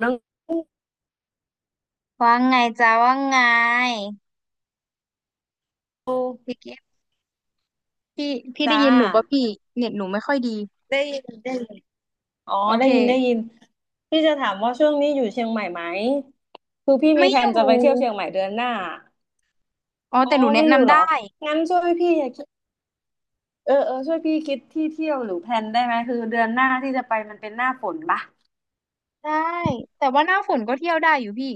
หน้องสืว่าไงจ้าว่าไงอพี่กิฟต์พี่พี่ได้จ้ายินหนูป่ะพี่เน็ตหนูไม่ค่อยดีได้ยินได้ยินอ๋อโอได้เคยินได้ยินพี่จะถามว่าช่วงนี้อยู่เชียงใหม่ไหมคือพี่มีไม่แผอนยู่จะไปเที่ยวเชียงใหม่เดือนหน้าอ๋ออ๋อแต่หนูแนะไม่อยู่นำเหรอได้งั้นช่วยพี่คิดเออช่วยพี่คิดที่เที่ยวหรือแผนได้ไหมคือเดือนหน้าที่จะไปมันเป็นหน้าฝนปะ ได้แต่ว่าหน้าฝนก็เที่ยวได้อยู่พี่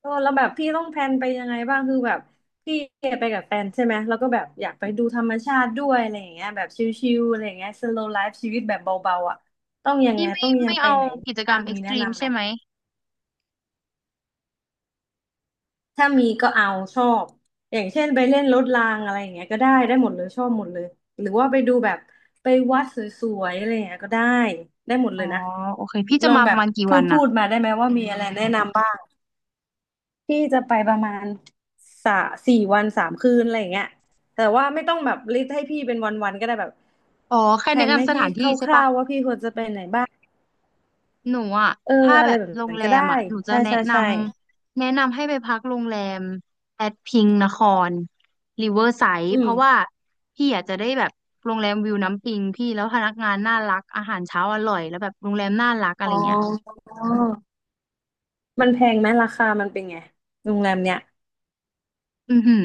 เออแล้วแบบพี่ต้องแพลนไปยังไงบ้างคือแบบพี่ไปกับแฟนใช่ไหมแล้วก็แบบอยากไปดูธรรมชาติด้วยอะไรอย่างเงี้ยแบบชิลๆอะไรอย่างเงี้ย slow life ชีวิตแบบเบาๆอ่ะต้องยังพี่ไงไม่ต้องยัไม่งไปเอาไหนกิจกรบ้ารงมเอ็กมีซ์ตแนะรีมนำไหมใช่ไหมถ้ามีก็เอาชอบอย่างเช่นไปเล่นรถรางอะไรอย่างเงี้ยก็ได้ได้หมดเลยชอบหมดเลยหรือว่าไปดูแบบไปวัดสวยๆอะไรอย่างเงี้ยก็ได้ได้หมดอ๋เลอยนะโอเคพี่ลจะองมาปแบระบมาณกี่พูวัดนพูน่ะดมาได้ไหมว่ามีอะไรแนะนำบ้าง ที่จะไปประมาณสาสี่วันสามคืนอะไรอย่างเงี้ยแต่ว่าไม่ต้องแบบลิสต์ให้พี่เป็นวันๆก็ได้แบบอ๋อแค่แผแนะนให้นำสพี่ถานที่ใช่คปะ ร่าวๆว่าพี่ควรจะไปไหนบ้างหนูอ่ะเออถ้าอะแบไรบแบบโรงนั้นแรก็มได้อ่ะหนูจะใช่แนะใช่นใช่ำแนะนำให้ไปพักโรงแรมแอดพิงนครริเวอร์ไซด์อืเพมราะว่าพี่อาจจะได้แบบโรงแรมวิวน้ำปิงพี่แล้วพนักงานน่ารักอาหารเช้าอร่อยแล้วแบบโรงแรมน่ารักอะไรอ๋อเงี้ยมันแพงไหมราคามันเป็นไงโรงแรมเนี้ยอือหือ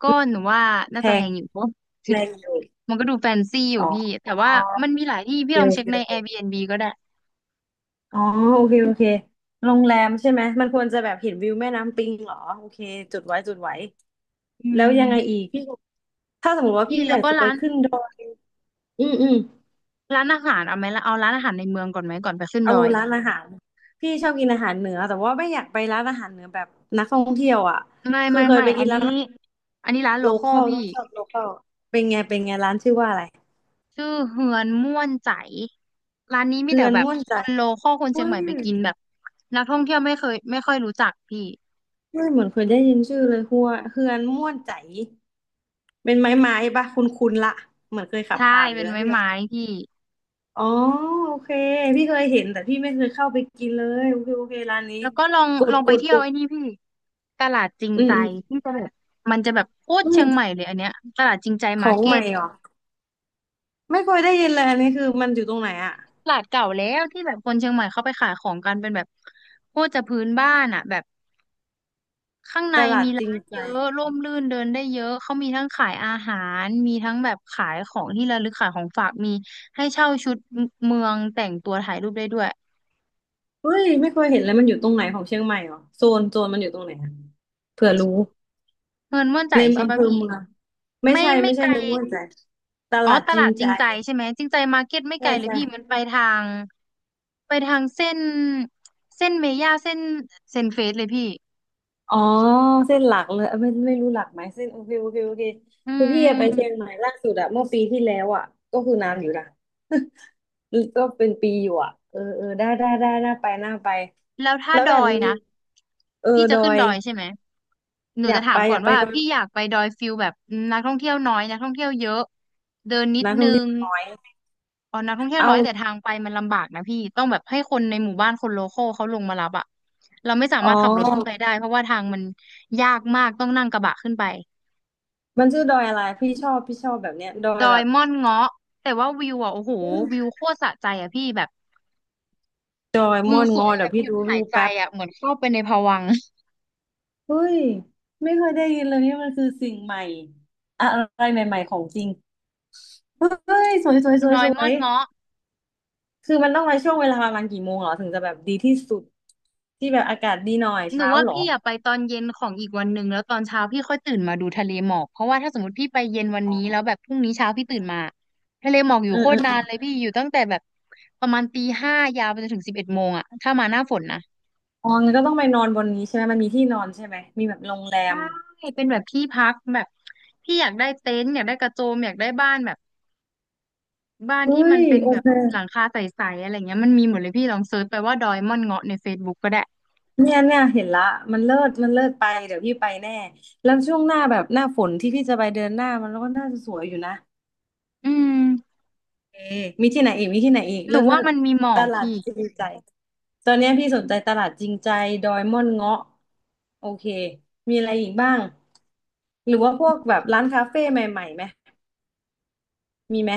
ก็หนูว่าแพน่าจะแพงงอยู่ เพราะ แรงอยู่ มันก็ดูแฟนซีอยู่อ๋อพี่แต่ว่ามันมีหลายที่โอพี่เคลอโงเช็คใน อเค Airbnb ก็ได้อ๋อโอเคโอเคโรงแรมใช่ไหมมันควรจะแบบเห็นวิวแม่น้ำปิงเหรอโอเคจุดไว้จุดไว้ อืแล้วยังไงอีมกพี่ถ้าสมมติว่าพี่พี่แล้อวยากก็จะไปร้านขึ้นดอยอืมอืมร้านอาหารเอาไหมล่ะเอาร้านอาหารในเมืองก่อนไหมก่อนไปขึ้นดเอาอย ร้านอาหารพี่ชอบกินอาหารเหนือแต่ว่าไม่อยากไปร้านอาหารเหนือแบบนักท่องเที่ยวอ่ะไม่คือไม่เคยไม่ไปอักินนร้านี้นอันนี้ร้านโลโลคคอลอลต้พี่องชอบโลคอลเป็นไงเป็นไงร้านชื่อว่าอะไรชื่อเฮือนม่วนใจร้านนี้มีเฮืแต่อนแบบม่วนคใจนโลคอลคนเชียอุ้งใหม่ยไปกินแบบนักท่องเที่ยวไม่เคยไม่ค่อยรู้จักพี่อุ้ยเหมือนเคยได้ยินชื่อเลยหัวเฮือนม่วนใจเป็นไม้ปะคุณละเหมือนเคยขับใช่ผ่านหรืเป็อนอะไม้ไรสักอย่างไม้พี่อ๋อโอเคพี่เคยเห็นแต่พี่ไม่เคยเข้าไปกินเลยโอเคโอเคร้านนี้แล้วก็ลองกลดองกไปดเที่กยวด ไอ้นี่พี่ตลาดจริงอืมใจอืมที่จะแบบมันจะแบบโคตรเชียงใหม่เลยอันเนี้ยตลาดจริงใจขมาอร์งเก็ใหม่ตเหรอไม่เคยได้ยินเลยอันนี้คือมันอยู่ตรงไหนอะตลาดเก่าแล้วที่แบบคนเชียงใหม่เขาไปขายของกันเป็นแบบโคตรจะพื้นบ้านอ่ะแบบ ข้างในตลาดมีจริงร้านใจเยอะร่มรื่นเดินได้เยอะเขามีทั้งขายอาหารมีทั้งแบบขายของที่ระลึกขายของฝากมีให้เช่าชุดเมืองแต่งตัวถ่ายรูปได้ด้วยเฮ้ยไม่เคยเห็นเลยมันอยู่ตรงไหนของเชียงใหม่เหรอโซนโซนมันอยู่ตรงไหนอะเผื่อรู้เงินม่วนใจในใช่อำเภปะอพี่เมืองไม่ไม่ใช่ไม่ไม่ไกใช่ลคือม่วนใจตอ๋อลาดตจริลางดจใจริงใจใช่ไหมจริงใจมาร์เก็ตไม่ไกใช่ลเลยใช่ พี่มันไปทางเส้นเส้นเมย่าเส้นเซนเฟสเลยพี่อ๋อเส้นหลักเลยเอ้ยไม่ไม่รู้หลักไหมเส้นโอเคโอเคโอเคอืคือพี่ไปม เชียงใหม่ล่าสุดอะเมื่อปีที่แล้วอะก็คือนานอยู่นะ ก็เป็นปีอยู่อะเออเออได้ได้ได้น่าไปน่าไปแล้วถ้าแล้วดแบบอยมีนะเอพี่อจะดอขึ้นยดอยใช่ไหมหนูอยาจะกถาไปมก่ออยานกไปว่าดอพี่ยอยากไปดอยฟิลแบบนักท่องเที่ยวน้อยนักท่องเที่ยวเยอะเดินนิดนักท่นึองเที่ยงวน้อยอ๋อนักท่องเที่ยวเอาน้อยแต่ทางไปมันลำบากนะพี่ต้องแบบให้คนในหมู่บ้านคนโลคอลเขาลงมารับอะเราไม่สาอ๋อมารถขับรถขึ้นไปได้เพราะว่าทางมันยากมากต้องนั่งกระบะขึ้นไปมันชื่อดอยอะไรพี่ชอบพี่ชอบแบบเนี้ยดอดยอแบยบม่อนเงาะแต่ว่าวิวอ่ะโอ้โหอืมวิวโคตรสะใจอ่ะพี่แบบดอยวิม่วอนสงวอยแบเดี๋ยวบหพี่ยุดดูหารูยปใจแป๊บอ่ะเหมือนเข้าไปในภวังค์ เฮ้ยไม่เคยได้ยินเลยนี่มันคือสิ่งใหม่อะไรใหม่ๆของจริง เฮ้ยสวยสวยสว ดยอสยวม่อยนเงาะ คือมันต้องมาช่วงเวลาประมาณกี่โมงเหรอถึงจะแบบดีที่สุดที่แบบอากาศดีหน่อยหนูเช้าว่าเหรอพี่อยากไปตอนเย็นของอีกวันหนึ่งแล้วตอนเช้าพี่ค่อยตื่นมาดูทะเลหมอกเพราะว่าถ้าสมมติพี่ไปเย็นวันนี้แล้วแบบพรุ่งนี้เช้าพี่ตื่นมาทะเลหมอกอเอยู่โคอเอตอรนานเลยพี่อยู่ตั้งแต่แบบประมาณตี 5ยาวไปจนถึง11 โมงอะถ้ามาหน้าฝนนะอ๋องั้นก็ต้องไปนอนบนนี้ใช่ไหมมันมีที่นอนใช่ไหมมีแบบโรงแรมใช่เป็นแบบที่พักแบบพี่อยากได้เต็นท์อยากได้กระโจมอยากได้บ้านแบบบ้านเฮ้ที่มันยเป็นโอแบบเคหลังคาใสๆอะไรเงี้ยมันมีหมดเลยพี่ลองเซิร์ชไปว่าดอยม่อนเงาะในเฟซ e ุ๊กก็ได้เนี่ยเนี่ยเห็นละมันเลิศมันเลิศไปเดี๋ยวพี่ไปแน่แล้วช่วงหน้าแบบหน้าฝนที่พี่จะไปเดือนหน้ามันก็น่าจะสวยอยู่นะอืมเอมีที่ไหนอีกมีที่ไหนอีกหเลินูศเลิว่าศมันมีหมตอกลาดพี่ จริใจ ตอนเนี้ยพี่สนใจตลาดจริงใจดอยม่อนเงาะโอเคมีอะไรอีกบ้างหรือว่าพวกแบบร้านคาเฟ่ใหม่ๆไหมมีไหม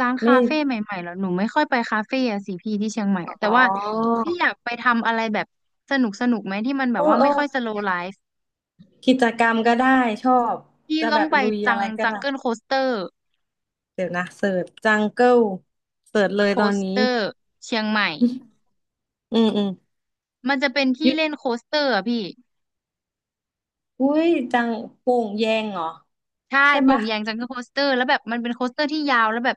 ร้านไม่คาเฟ่ใหม่ๆแล้วหนูไม่ค่อยไปคาเฟ่อะสิพี่ที่เชียงใหม่อะแต่อ๋อว่าพี่อยากไปทำอะไรแบบสนุกไหมที่มันแบโอ้บว่าโอ้ไม่ค่อยสโลว์ไลฟ์กิจกรรมก็ได้ชอบพี่จะต้แบองบไปลุยจัอะงไรก็จังได้เกิลโคสเตอร์เดี๋ยวนะเสิร์ชจังเกิลเสิร์ชเลยโคตอนสนี้เตอร์เชียงใหม่อืมอืมมันจะเป็นอที่ยู่เล่นโคสเตอร์อะพี่อุ้ยจังโป่งแยงเหรอใช่ใช่ไหโป่มะงแยงจังเกิลโคสเตอร์แล้วแบบมันเป็นโคสเตอร์ที่ยาวแล้วแบบ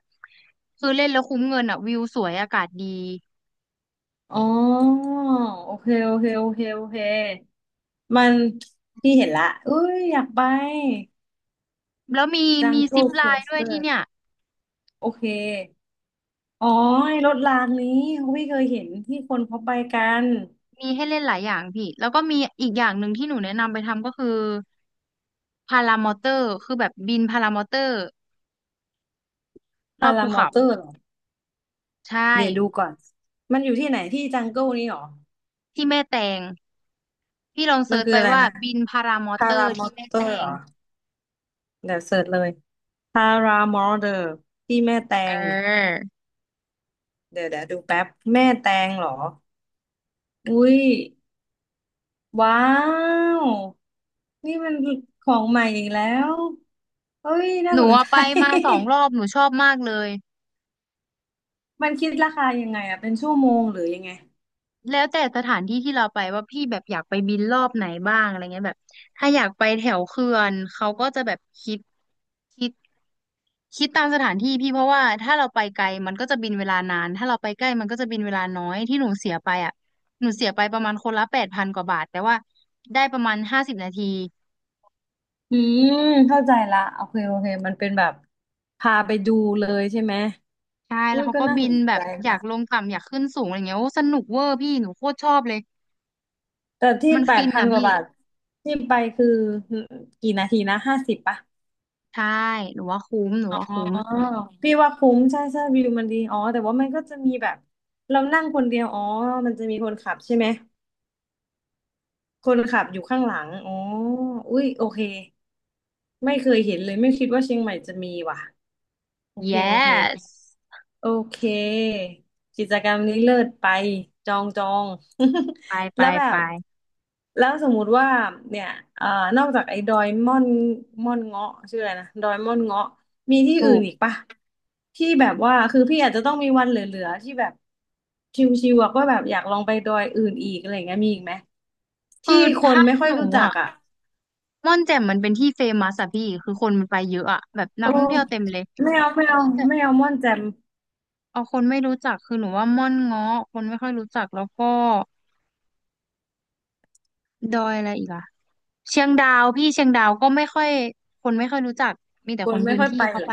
คือเล่นแล้วคุ้มเงินอะวิวสวยอากาศดีอ๋อโอเคโอเคโอเคโอเคมันพี่เห็นละอุ้ยอยากไป แล้วมีจังมีเกิซิลปไลครอน์สด้วเตยอที่ร์เนี่ยโอเคอ๋อไอ้รถรางนี้พี่เคยเห็นที่คนเขาไปกันมีให้เล่นหลายอย่างพี่แล้วก็มีอีกอย่างหนึ่งที่หนูแนะนำไปทำก็คือ พารามอเตอร์คือแบบบินพารามอเตอร์รอพาบภูรามอเขาเตอร์เหรอใช่เดี๋ยวดูก่อนมันอยู่ที่ไหนที่จังเกิลนี้เหรอที่แม่แตงพี่ลองมัเซินร์ชคืไปออะไรว่านะบินพารามอพาเตอราร์มอที่แม่เตอแตร์เหรงอเดี๋ยวเสิร์ชเลยพารามอเตอร์ที่แม่แตเองอเดี๋ยวเดี๋ยวดูแป๊บแม่แตงเหรออุ้ยว้าวนี่มันของใหม่อีกแล้วเฮ้ยน่าหนูสนอะใจ ไปมา2 รอบหนูชอบมากเลยมันคิดราคายังไงอะเป็นชั่วโมงหรือยังไงแล้วแต่สถานที่ที่เราไปว่าพี่แบบอยากไปบินรอบไหนบ้างอะไรเงี้ยแบบถ้าอยากไปแถวเขื่อนเขาก็จะแบบคิด คิดตามสถานที่พี่เพราะว่าถ้าเราไปไกลมันก็จะบินเวลานานถ้าเราไปใกล้มันก็จะบินเวลาน้อยที่หนูเสียไปอ่ะหนูเสียไปประมาณคนละ8,000 กว่าบาทแต่ว่าได้ประมาณ50 นาทีอืมเข้าใจละโอเคโอเคมันเป็นแบบพาไปดูเลยใช่ไหมใช่อุ้แล้วยเขาก็ก็น่าบิสนนแบใจบอยานะกลงต่ำอยากขึ้นสูงอะไรเงี้ยโอ้สนุกเวอร์พี่หนูโคตรชอบเลยแต่ที่มันแปฟิดนพันอ่ะกว่าพี่บาทที่ไปคือกี่นาทีนะห้าสิบปะใช่หนูว่าคุ้มหนูอ๋ว่าคุ้ม อพี่ว่าคุ้มใช่ใช่วิวมันดีอ๋อแต่ว่ามันก็จะมีแบบเรานั่งคนเดียวอ๋อมันจะมีคนขับใช่ไหมคนขับอยู่ข้างหลังอ๋ออุ้ยโอเคไม่เคยเห็นเลยไม่คิดว่าเชียงใหม่จะมีว่ะโอเคโอเค yes โอเคกิจกรรมนี้เลิศไปจองจอง ไป ไปแล้วแบไปบแล้วสมมุติว่าเนี่ยเอ่อนอกจากไอ้ดอยม่อนม่อนเงาะชื่ออะไรนะดอยม่อนเงาะมีที่ถูอื่นกอีกปะที่แบบว่าคือพี่อาจจะต้องมีวันเหลือๆที่แบบชิวๆอะก็แบบอยากลองไปดอยอื่นอีกอะไรอย่างเงี้ยมีอีกไหมคืที่อคนถ้าไม่ค่อหยนูรู้จักอ่ะอ่ะม่อนแจ่มมันเป็นที่เฟมัสอะพี่คือคนมันไปเยอะอะแบบนักโอ้ท่องเที่ยวเต็มเลยไม่เอาไม่ถ้าเอาพี่จะ ไม่เอาม่อนแจ่มเอาคนไม่รู้จักคือหนูว่าม่อนเงาะคนไม่ค่อยรู้จักแล้วก็ดอยอะไรอีกอะเชียงดาวพี่เชียงดาวก็ไม่ค่อยคนไม่ค่อยรู้จักมีแต่คคนนไม่พื้นค่อยที่ไปเข้าเหรอไป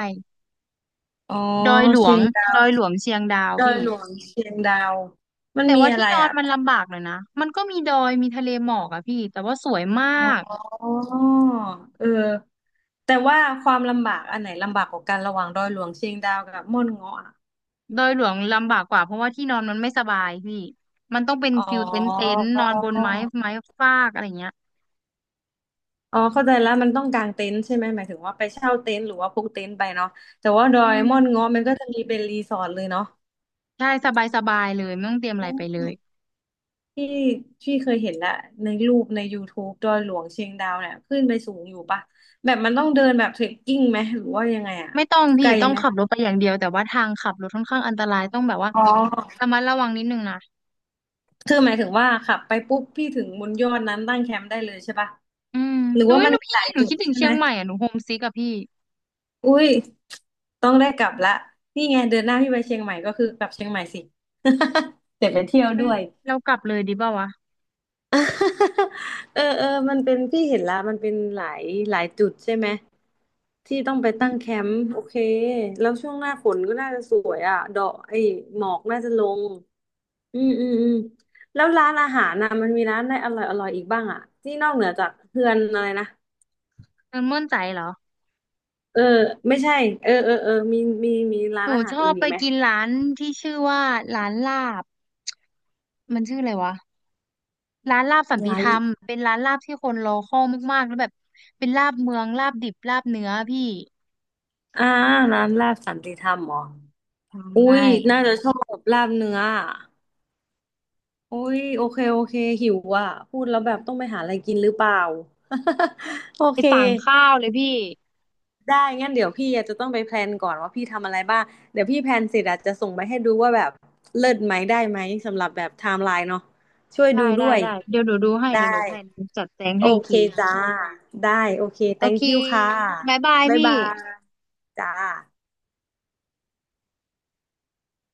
อ๋อดอยหลวเชีงยง ดอยหลวงเชียงดาวดอยพี่หลวงเชียงดาวมันแต่มีว่าอะที่ไรนอนอ่ะมันลำบากหน่อยนะมันก็มีดอยมีทะเลหมอกอะพี่แต่ว่าสวยมาอก๋อเออแต่ว่าความลำบากอันไหนลำบากกว่ากันระหว่างดอยหลวงเชียงดาวกับม่อนเงาะอะดอยหลวงลำบากกว่าเพราะว่าที่นอนมันไม่สบายพี่มันต้องเป็นอ๋อฟิลเต็นท์เต็นท์นอนบนไม้ไม้ฟากอะไรเงี้ยอ๋อเข้าใจแล้วมันต้องกางเต็นท์ใช่ไหมหมายถึงว่าไปเช่าเต็นท์หรือว่าพกเต็นท์ไปเนาะแต่ว่าดออืยมม่อนเงาะมันก็จะมีเป็นรีสอร์ทเลยเนาะใช่สบายเลยไม่ต้องเตรียมอะไรไปเลย ที่พี่เคยเห็นและในรูปในยูทูบ e ดอยหลวงเชียงดาวเนี่ยขึ้นไปสูงอยู่ปะแบบมันต้องเดินแบบเทรคกิ้งไหมหรือว่ายังไงอะไม่ต้องไกพี่ลต้องไหมขับรถไปอย่างเดียวแต่ว่าทางขับรถค่อนข้างอันตรายต้องแบบว่าอ๋อ ระมัดระวังนิดนึงนะคือหมายถึงว่าขับไปปุ๊บพี่ถึงบนยอดนั้นตั้งแคมป์ได้เลยใช่ปะอืมหรือหนูว่าเอ้ยมัหนนูมีพี่หลายหนูจุดคิดถึงใช่เชีไหมยงใหม่อ่ะหนูโฮมซิกอะพี่อุ้ยต้องได้กลับละนี่ไงเดือนหน้าพี่ไปเชียงใหม่ก็คือกลับเชียงใหม่สิ เดี๋ยวไปเที่ยวเอ้ด้ยวย เรากลับเลยดีเปล่าวะ เออเออมันเป็นพี่เห็นละมันเป็นหลายจุดใช่ไหมที่ต้องไปอืตั้งมแคมป์โอเคแล้วช่วงหน้าฝนก็น่าจะสวยอ่ะดอกไอ้หมอกน่าจะลง อืมอืมอืมแล้วร้านอาหารนะมันมีร้านอะไรอร่อยอร่อยอีกบ้างอ่ะที่นอกเหนือจากเฮือนอะไรนะเออม่วนใจเหรอเออไม่ใช่เออเออเออมีมีร้าหนนูอาหาชรออื่บนอีไปกไหมกินร้านที่ชื่อว่าร้านลาบมันชื่ออะไรวะร้านลาบสันติร้าธนรรมเป็นร้านลาบที่คนรอคอยมากๆแล้วแบบเป็นลาบเมืองลาบดิบลาบเนื้อพี่อ่าร้านลาบสันติธรรมเหรออุ้ใช่ยน่าจะชอบลาบเนื้ออะอุ้ยโอเคโอเคหิวอ่ะพูดแล้วแบบต้องไปหาอะไรกินหรือเปล่า โอไปเค สั่งข้าวเลยพี่ได้ งั้นเดี๋ยวพี่อาจจะต้องไปแพลนก่อนว่าพี่ทำอะไรบ้าง เดี๋ยวพี่แพลนเสร็จอาจจะส่งไปให้ดูว่าแบบเลิศไหมได้ไหมสำหรับแบบไทม์ไลน์เนาะช่วยดูได้ด้ได้วย ได้เดี๋ยวหนูดูให้ได้ เดี๋ยวหนูแพลนจัดแจงโอให้อีกเคที จ้า ได้โอเค โอเค thank you ค่ะ บายบายบ๊ายพี่บายจ้า